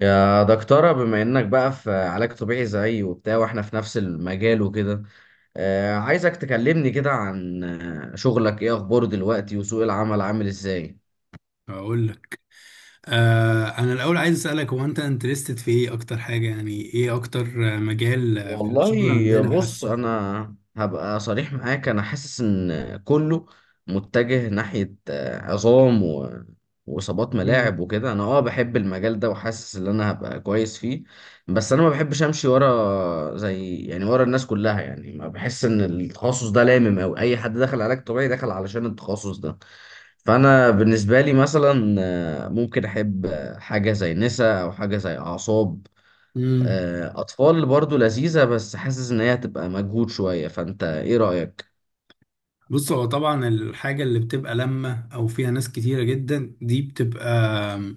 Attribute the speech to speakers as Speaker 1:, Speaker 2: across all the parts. Speaker 1: يا دكتورة، بما انك بقى في علاج طبيعي زيي وبتاع، واحنا في نفس المجال وكده. عايزك تكلمني كده عن شغلك ايه اخباره دلوقتي، وسوق العمل عامل ازاي؟
Speaker 2: هقول لك انا الاول عايز اسالك، هو انت انترستد في ايه اكتر حاجه؟ يعني ايه اكتر مجال في الشغل
Speaker 1: والله
Speaker 2: عندنا،
Speaker 1: بص،
Speaker 2: حاسه؟
Speaker 1: انا هبقى صريح معاك، انا حاسس ان كله متجه ناحية عظام واصابات
Speaker 2: مم.
Speaker 1: ملاعب وكده. انا بحب المجال ده، وحاسس ان انا هبقى كويس فيه. بس انا ما بحبش امشي ورا، زي يعني ورا الناس كلها، يعني ما بحس ان التخصص ده لامم، او اي حد دخل علاج طبيعي دخل علشان التخصص ده. فانا بالنسبة لي مثلا ممكن احب حاجة زي نسا، او حاجة زي اعصاب.
Speaker 2: مم.
Speaker 1: أطفال برضو لذيذة، بس حاسس إن هي هتبقى مجهود شوية. فأنت إيه رأيك؟
Speaker 2: بص، هو طبعا الحاجه اللي بتبقى لما او فيها ناس كتيره جدا دي بتبقى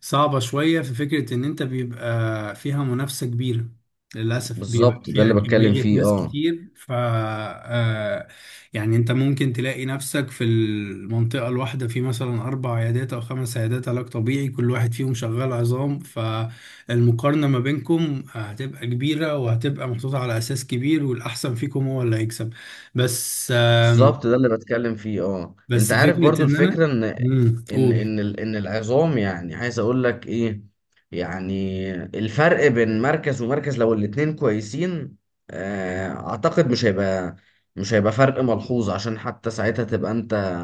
Speaker 2: صعبة شوية، في فكرة إن أنت بيبقى فيها منافسة كبيرة، للأسف بيبقى
Speaker 1: بالظبط، ده
Speaker 2: فيها
Speaker 1: اللي بتكلم
Speaker 2: كمية
Speaker 1: فيه،
Speaker 2: ناس
Speaker 1: أه.
Speaker 2: كتير، ف آه، يعني أنت ممكن تلاقي نفسك في المنطقة الواحدة في مثلا أربع عيادات أو خمس عيادات علاج طبيعي، كل واحد فيهم شغال عظام، فالمقارنة ما بينكم هتبقى كبيرة وهتبقى محطوطة على أساس كبير، والأحسن فيكم هو اللي هيكسب. بس آم،
Speaker 1: بالظبط، ده اللي بتكلم فيه، أه. أنت
Speaker 2: بس
Speaker 1: عارف
Speaker 2: فكرة
Speaker 1: برضو
Speaker 2: إن أنا،
Speaker 1: الفكرة إن
Speaker 2: مم، قول.
Speaker 1: إن العظام، يعني عايز أقول لك إيه، يعني الفرق بين مركز ومركز لو الاتنين كويسين، أعتقد مش هيبقى فرق ملحوظ. عشان حتى ساعتها تبقى أنت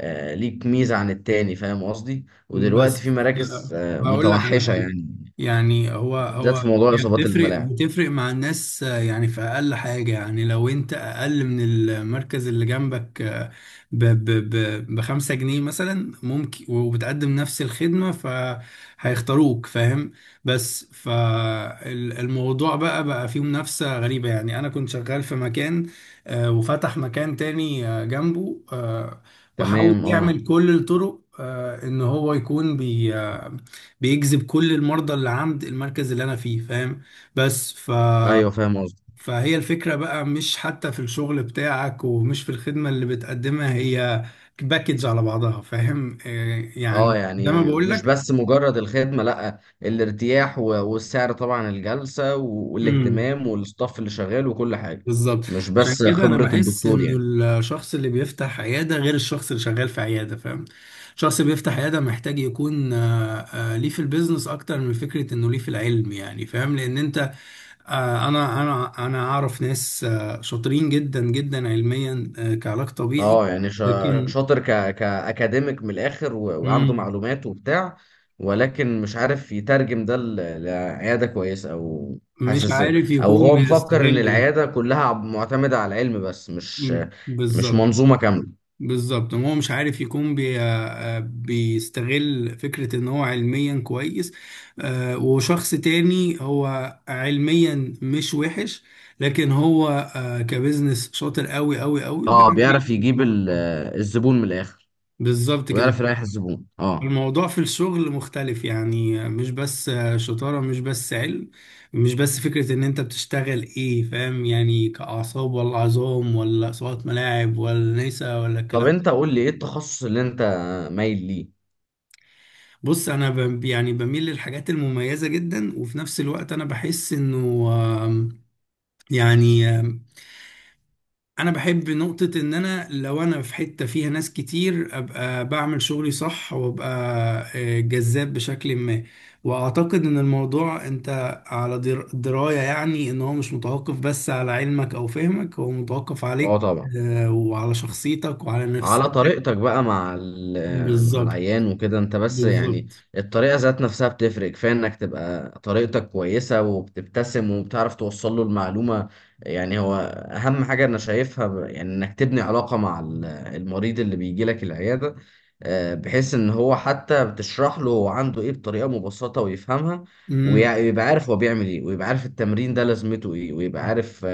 Speaker 1: ليك ميزة عن التاني، فاهم قصدي؟ ودلوقتي في
Speaker 2: بس
Speaker 1: مراكز
Speaker 2: آه، هقول لك على
Speaker 1: متوحشة
Speaker 2: حاجه.
Speaker 1: يعني،
Speaker 2: يعني هو.
Speaker 1: بالذات في موضوع
Speaker 2: هي
Speaker 1: اصابات
Speaker 2: بتفرق
Speaker 1: الملاعب.
Speaker 2: بتفرق مع الناس، يعني في اقل حاجه، يعني لو انت اقل من المركز اللي جنبك ب ب ب ب5 جنيه مثلا، ممكن وبتقدم نفس الخدمه فهيختاروك، فاهم؟ بس فالموضوع بقى فيه منافسه غريبه. يعني انا كنت شغال في مكان، وفتح مكان تاني جنبه، وحاول
Speaker 1: تمام، اه.
Speaker 2: يعمل كل الطرق ان هو يكون بي آه، بيجذب كل المرضى اللي عند المركز اللي انا فيه، فاهم؟ بس
Speaker 1: ايوه، فاهم قصدي،
Speaker 2: فهي الفكرة بقى، مش حتى في الشغل بتاعك، ومش في الخدمة اللي بتقدمها، هي باكج على بعضها، فاهم؟
Speaker 1: اه.
Speaker 2: يعني زي
Speaker 1: يعني
Speaker 2: ما بقول
Speaker 1: مش بس مجرد الخدمه، لا، الارتياح والسعر طبعا، الجلسه
Speaker 2: لك،
Speaker 1: والاهتمام، والستاف اللي شغال، وكل حاجه.
Speaker 2: بالظبط.
Speaker 1: مش
Speaker 2: عشان
Speaker 1: بس
Speaker 2: كده انا
Speaker 1: خبره
Speaker 2: بحس
Speaker 1: الدكتور
Speaker 2: انه
Speaker 1: يعني.
Speaker 2: الشخص اللي بيفتح عياده غير الشخص اللي شغال في عياده، فاهم؟ الشخص اللي بيفتح عياده محتاج يكون ليه في البيزنس اكتر من فكره انه ليه في العلم، يعني فاهم؟ لان انت انا اعرف ناس شاطرين جدا جدا علميا كعلاج طبيعي،
Speaker 1: اه، يعني
Speaker 2: لكن
Speaker 1: شاطر، كاكاديميك من الاخر، وعنده
Speaker 2: مم،
Speaker 1: معلومات وبتاع، ولكن مش عارف يترجم ده لعياده كويسه، او
Speaker 2: مش
Speaker 1: حاسس
Speaker 2: عارف
Speaker 1: او
Speaker 2: يكون
Speaker 1: هو مفكر ان
Speaker 2: بيستغل ده.
Speaker 1: العياده كلها معتمده على العلم بس، مش
Speaker 2: مم،
Speaker 1: مش
Speaker 2: بالظبط.
Speaker 1: منظومه كامله.
Speaker 2: بالظبط، ما هو مش عارف يكون بي... آه، آه، بيستغل فكرة ان هو علميا كويس، وشخص تاني هو علميا مش وحش، لكن هو كبزنس شاطر قوي قوي قوي،
Speaker 1: اه،
Speaker 2: بيعرف
Speaker 1: بيعرف
Speaker 2: يجذب
Speaker 1: يجيب
Speaker 2: المرأة.
Speaker 1: الزبون من الاخر،
Speaker 2: بالظبط كده.
Speaker 1: ويعرف يريح الزبون، اه.
Speaker 2: الموضوع في الشغل مختلف، يعني مش بس شطارة، مش بس علم، مش بس فكرة ان انت بتشتغل ايه، فاهم؟ يعني كأعصاب ولا عظام ولا صوت ملاعب ولا نسا ولا
Speaker 1: طب
Speaker 2: الكلام.
Speaker 1: انت قول لي ايه التخصص اللي انت مايل ليه.
Speaker 2: بص، انا يعني بميل للحاجات المميزه جدا، وفي نفس الوقت انا بحس انه آم، يعني انا بحب نقطه ان انا لو انا في حته فيها ناس كتير، ابقى بعمل شغلي صح وابقى جذاب بشكل ما. واعتقد ان الموضوع انت على درايه، يعني ان هو مش متوقف بس على علمك او فهمك، هو متوقف
Speaker 1: اه
Speaker 2: عليك
Speaker 1: طبعا،
Speaker 2: وعلى شخصيتك وعلى
Speaker 1: على
Speaker 2: نفسيتك.
Speaker 1: طريقتك بقى مع مع
Speaker 2: بالظبط.
Speaker 1: العيان وكده، انت بس يعني
Speaker 2: بالظبط.
Speaker 1: الطريقة ذات نفسها بتفرق. كفاية انك تبقى طريقتك كويسة، وبتبتسم، وبتعرف توصل له المعلومة. يعني هو اهم حاجة انا شايفها يعني انك تبني علاقة مع المريض اللي بيجي لك العيادة، بحيث ان هو حتى بتشرح له هو عنده ايه بطريقة مبسطة، ويفهمها،
Speaker 2: امم.
Speaker 1: ويبقى عارف هو بيعمل ايه، ويبقى عارف التمرين ده لازمته ايه، ويبقى عارف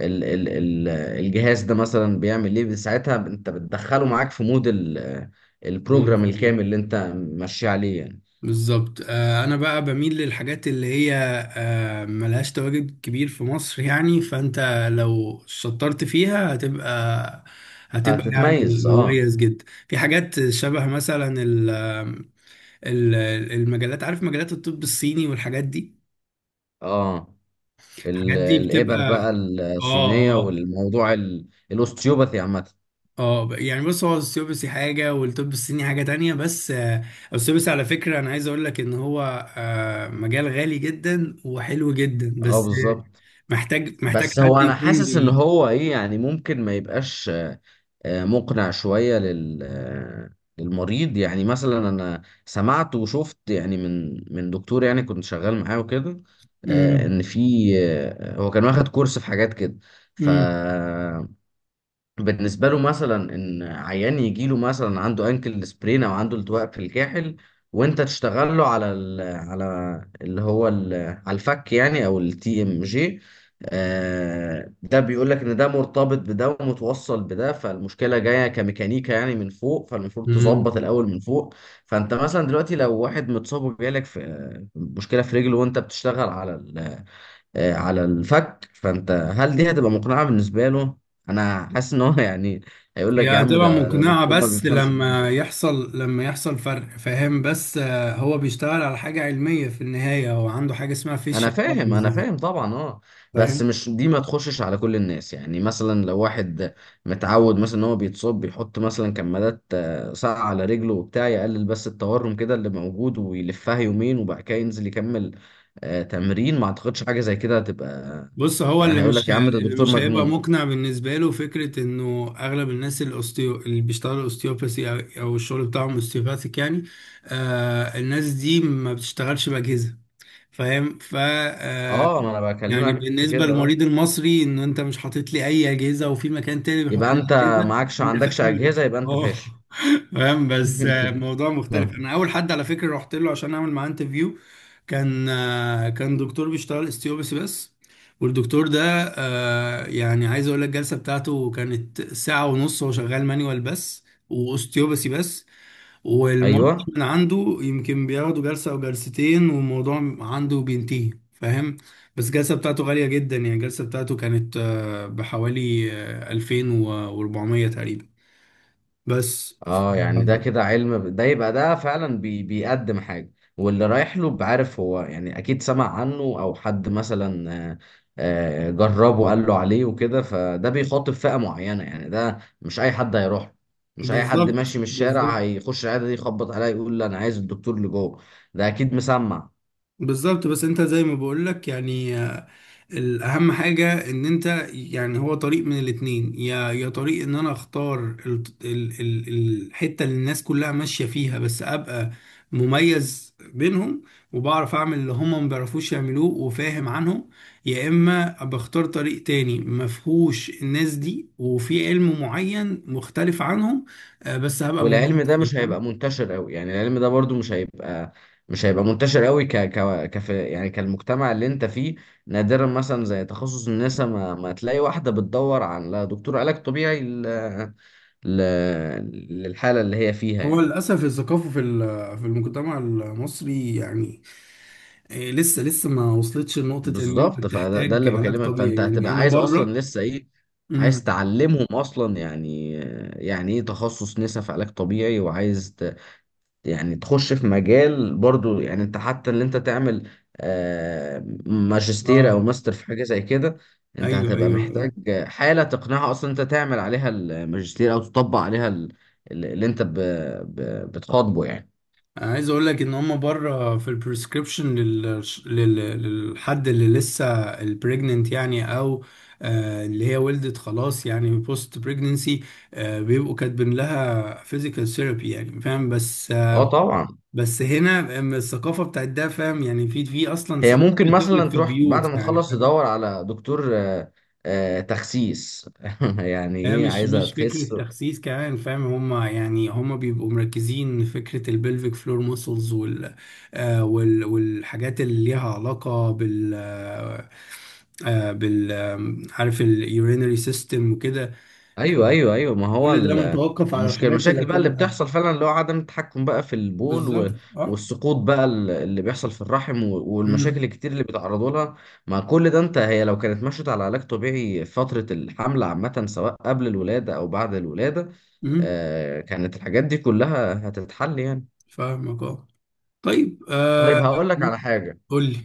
Speaker 1: ال ال ال الجهاز ده مثلا بيعمل ايه. ساعتها انت بتدخله معاك في مود البروجرام الكامل اللي انت ماشي عليه يعني.
Speaker 2: بالظبط. انا بقى بميل للحاجات اللي هي ملهاش تواجد كبير في مصر. يعني فانت لو شطرت فيها هتبقى، هتبقى يعني
Speaker 1: هتتميز، اه.
Speaker 2: مميز جدا في حاجات شبه مثلا ال- المجلات، عارف مجلات الطب الصيني والحاجات دي؟
Speaker 1: اه،
Speaker 2: الحاجات دي
Speaker 1: الابر بقى
Speaker 2: بتبقى.
Speaker 1: الصينية،
Speaker 2: اه اه
Speaker 1: والموضوع الاوستيوباثي عامة.
Speaker 2: اه. يعني بص، هو السيوبسي حاجة والطب الصيني حاجة تانية، بس السيوبسي على فكرة، أنا عايز أقول لك إن هو مجال غالي جدا وحلو جدا،
Speaker 1: اه،
Speaker 2: بس
Speaker 1: بالظبط.
Speaker 2: محتاج
Speaker 1: بس هو
Speaker 2: حد
Speaker 1: انا
Speaker 2: يكون
Speaker 1: حاسس ان
Speaker 2: بي
Speaker 1: هو ايه يعني، ممكن ما يبقاش مقنع شوية لل آه، للمريض. يعني مثلا أنا سمعت وشفت، يعني من دكتور يعني كنت شغال معاه وكده،
Speaker 2: مم.
Speaker 1: إن في هو كان واخد كورس في حاجات كده. ف
Speaker 2: مم.
Speaker 1: بالنسبة له مثلا إن عيان يجي له مثلا عنده أنكل سبرين أو عنده التواء في الكاحل، وأنت تشتغل له على ال على اللي هو ال على الفك يعني، أو التي إم جي. ده بيقول لك إن ده مرتبط بده ومتوصل بده، فالمشكلة جاية كميكانيكا يعني من فوق، فالمفروض
Speaker 2: مم.
Speaker 1: تظبط الأول من فوق. فأنت مثلا دلوقتي لو واحد متصاب وجالك في مشكلة في رجله، وأنت بتشتغل على على الفك، فانت هل دي هتبقى مقنعة بالنسبة له؟ انا حاسس ان هو يعني هيقول
Speaker 2: هي
Speaker 1: لك يا عم
Speaker 2: هتبقى
Speaker 1: ده
Speaker 2: مقنعة
Speaker 1: دكتور ما
Speaker 2: بس
Speaker 1: بيفهمش حاجة
Speaker 2: لما
Speaker 1: يعني.
Speaker 2: يحصل لما يحصل فرق، فاهم؟ بس هو بيشتغل على حاجة علمية في النهاية، هو عنده حاجة اسمها فيش،
Speaker 1: انا فاهم، انا فاهم طبعا، اه. بس
Speaker 2: فاهم؟
Speaker 1: مش دي ما تخشش على كل الناس. يعني مثلا لو واحد متعود مثلا ان هو بيتصاب بيحط مثلا كمادات ساقعة على رجله وبتاع، يقلل بس التورم كده اللي موجود، ويلفها يومين، وبعد كده ينزل يكمل تمرين، ما اعتقدش حاجة زي كده هتبقى،
Speaker 2: بص، هو اللي
Speaker 1: يعني هيقول لك
Speaker 2: مش
Speaker 1: يا عم ده
Speaker 2: اللي
Speaker 1: دكتور
Speaker 2: مش هيبقى
Speaker 1: مجنون.
Speaker 2: مقنع بالنسبة له، فكرة انه اغلب الناس الاوستيو اللي بيشتغلوا اوستيوباثي أو الشغل بتاعهم اوستيوباثيك، يعني آه، الناس دي ما بتشتغلش بأجهزة، فاهم؟ ف آه،
Speaker 1: اه، ما انا
Speaker 2: يعني
Speaker 1: بكلمك في
Speaker 2: بالنسبه
Speaker 1: كده آه.
Speaker 2: للمريض المصري، ان انت مش حاطط لي اي اجهزه، وفي مكان تاني بيحط
Speaker 1: يبقى
Speaker 2: لي
Speaker 1: انت
Speaker 2: اجهزه، انت
Speaker 1: عندكش اجهزه،
Speaker 2: فقير،
Speaker 1: يبقى انت
Speaker 2: اه
Speaker 1: فاشل.
Speaker 2: فاهم؟ بس الموضوع مختلف.
Speaker 1: آه.
Speaker 2: انا اول حد على فكره رحت له عشان اعمل معاه انترفيو، كان كان دكتور بيشتغل استيوبس بس. والدكتور ده يعني عايز اقول لك، الجلسه بتاعته كانت ساعه ونص، هو شغال مانيوال بس واستيوبسي بس،
Speaker 1: ايوه،
Speaker 2: والمرضي من عنده يمكن بياخده جلسة أو جلستين والموضوع عنده بينتهي، فاهم؟ بس الجلسة بتاعته غالية جدا، يعني الجلسة بتاعته كانت بحوالي 2400 تقريبا، بس.
Speaker 1: اه. يعني ده كده علم، ده يبقى ده فعلا بيقدم حاجه، واللي رايح له بعرف هو، يعني اكيد سمع عنه او حد مثلا جربه قال له عليه وكده، فده بيخاطب فئه معينه يعني. ده مش اي حد هيروح له. مش اي حد
Speaker 2: بالظبط.
Speaker 1: ماشي من الشارع
Speaker 2: بالظبط.
Speaker 1: هيخش العياده دي، يخبط عليا يقول لي انا عايز الدكتور اللي جوه. ده اكيد مسمع.
Speaker 2: بالظبط. بس انت زي ما بقولك، يعني الاهم حاجة ان انت، يعني هو طريق من الاتنين: يا طريق ان انا اختار ال ال ال الحتة اللي الناس كلها ماشية فيها، بس ابقى مميز بينهم، وبعرف اعمل اللي هما ما بيعرفوش يعملوه، وفاهم عنهم. يا اما بختار طريق تاني ما فيهوش الناس دي، وفي علم معين مختلف عنهم، بس هبقى
Speaker 1: والعلم
Speaker 2: مميز
Speaker 1: ده
Speaker 2: فيه،
Speaker 1: مش
Speaker 2: فاهم؟
Speaker 1: هيبقى منتشر قوي. يعني العلم ده برضو مش هيبقى منتشر قوي ك ك كف يعني كالمجتمع اللي انت فيه. نادرا مثلا زي تخصص النساء، ما تلاقي واحدة بتدور على دكتور علاج طبيعي ل... للحالة اللي هي فيها
Speaker 2: هو
Speaker 1: يعني.
Speaker 2: للأسف الثقافة في في المجتمع المصري، يعني إيه، لسه لسه ما وصلتش لنقطة إن أنت
Speaker 1: بالظبط. فده اللي
Speaker 2: بتحتاج علاج
Speaker 1: بكلمك، فانت
Speaker 2: طبيعي، يعني
Speaker 1: هتبقى
Speaker 2: أنا
Speaker 1: عايز اصلا
Speaker 2: بره.
Speaker 1: لسه ايه، عايز
Speaker 2: امم.
Speaker 1: تعلمهم اصلا يعني ايه تخصص نساء في علاج طبيعي؟ وعايز يعني تخش في مجال برضو، يعني انت حتى اللي انت تعمل ماجستير او
Speaker 2: أه.
Speaker 1: ماستر في حاجة زي كده، انت
Speaker 2: أيوه أيوه
Speaker 1: هتبقى محتاج
Speaker 2: أيوه.
Speaker 1: حالة تقنعها اصلا انت تعمل عليها الماجستير، او تطبق عليها اللي انت بتخاطبه يعني.
Speaker 2: أنا عايز أقول لك إن هما بره في البريسكريبشن للحد اللي لسه البريجننت، يعني أو آه اللي هي ولدت خلاص، يعني بوست بريجننسي، آه، بيبقوا كاتبين لها فيزيكال ثيرابي، يعني فاهم؟ بس آه،
Speaker 1: اه طبعا.
Speaker 2: بس هنا أم الثقافة بتاعت ده، فاهم؟ يعني في أصلا
Speaker 1: هي
Speaker 2: ستات
Speaker 1: ممكن
Speaker 2: بتولد
Speaker 1: مثلا
Speaker 2: في
Speaker 1: تروح بعد
Speaker 2: البيوت،
Speaker 1: ما
Speaker 2: يعني
Speaker 1: تخلص
Speaker 2: فاهم.
Speaker 1: تدور على دكتور تخسيس، يعني
Speaker 2: هي
Speaker 1: ايه
Speaker 2: مش
Speaker 1: عايزة
Speaker 2: مش فكرة
Speaker 1: تخس.
Speaker 2: تخسيس كمان، فاهم؟ هما يعني هما بيبقوا مركزين فكرة البلفيك فلور ماسلز، والحاجات اللي ليها علاقة بال آه آه، بال آم، عارف، اليورينري سيستم وكده.
Speaker 1: ايوه، ايوه، ايوه. ما هو
Speaker 2: كل ده
Speaker 1: ال-
Speaker 2: متوقف على
Speaker 1: المشكله
Speaker 2: الحاجات اللي
Speaker 1: المشاكل بقى اللي
Speaker 2: هتبقى.
Speaker 1: بتحصل فعلا، اللي هو عدم التحكم بقى في البول
Speaker 2: بالظبط اه.
Speaker 1: والسقوط بقى اللي بيحصل في الرحم
Speaker 2: امم.
Speaker 1: والمشاكل الكتير اللي بيتعرضوا لها. مع كل ده هي لو كانت مشت على علاج طبيعي فتره الحمل عامه، سواء قبل الولاده او بعد الولاده،
Speaker 2: امم.
Speaker 1: كانت الحاجات دي كلها هتتحل يعني.
Speaker 2: فاهمك اه. طيب
Speaker 1: طيب هقول لك على حاجه:
Speaker 2: قول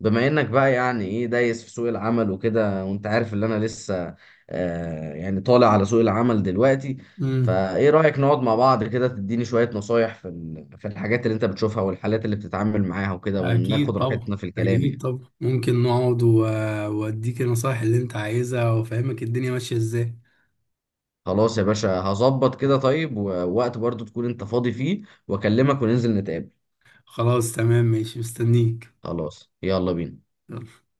Speaker 1: بما انك بقى يعني ايه دايس في سوق العمل وكده، وانت عارف ان انا لسه يعني طالع على سوق العمل دلوقتي،
Speaker 2: لي.
Speaker 1: فايه رأيك نقعد مع بعض كده، تديني شوية نصايح في في الحاجات اللي انت بتشوفها والحالات اللي بتتعامل معاها وكده، وناخد
Speaker 2: أكيد طبعا،
Speaker 1: راحتنا في الكلام
Speaker 2: أكيد
Speaker 1: يعني.
Speaker 2: طبعا، ممكن نقعد وأديك النصايح اللي أنت عايزها، وأفهمك الدنيا ماشية إزاي.
Speaker 1: خلاص يا باشا، هظبط كده. طيب، ووقت برضو تكون انت فاضي فيه واكلمك، وننزل نتقابل.
Speaker 2: خلاص تمام ماشي، مستنيك.
Speaker 1: خلاص، يلا بينا.
Speaker 2: يلا.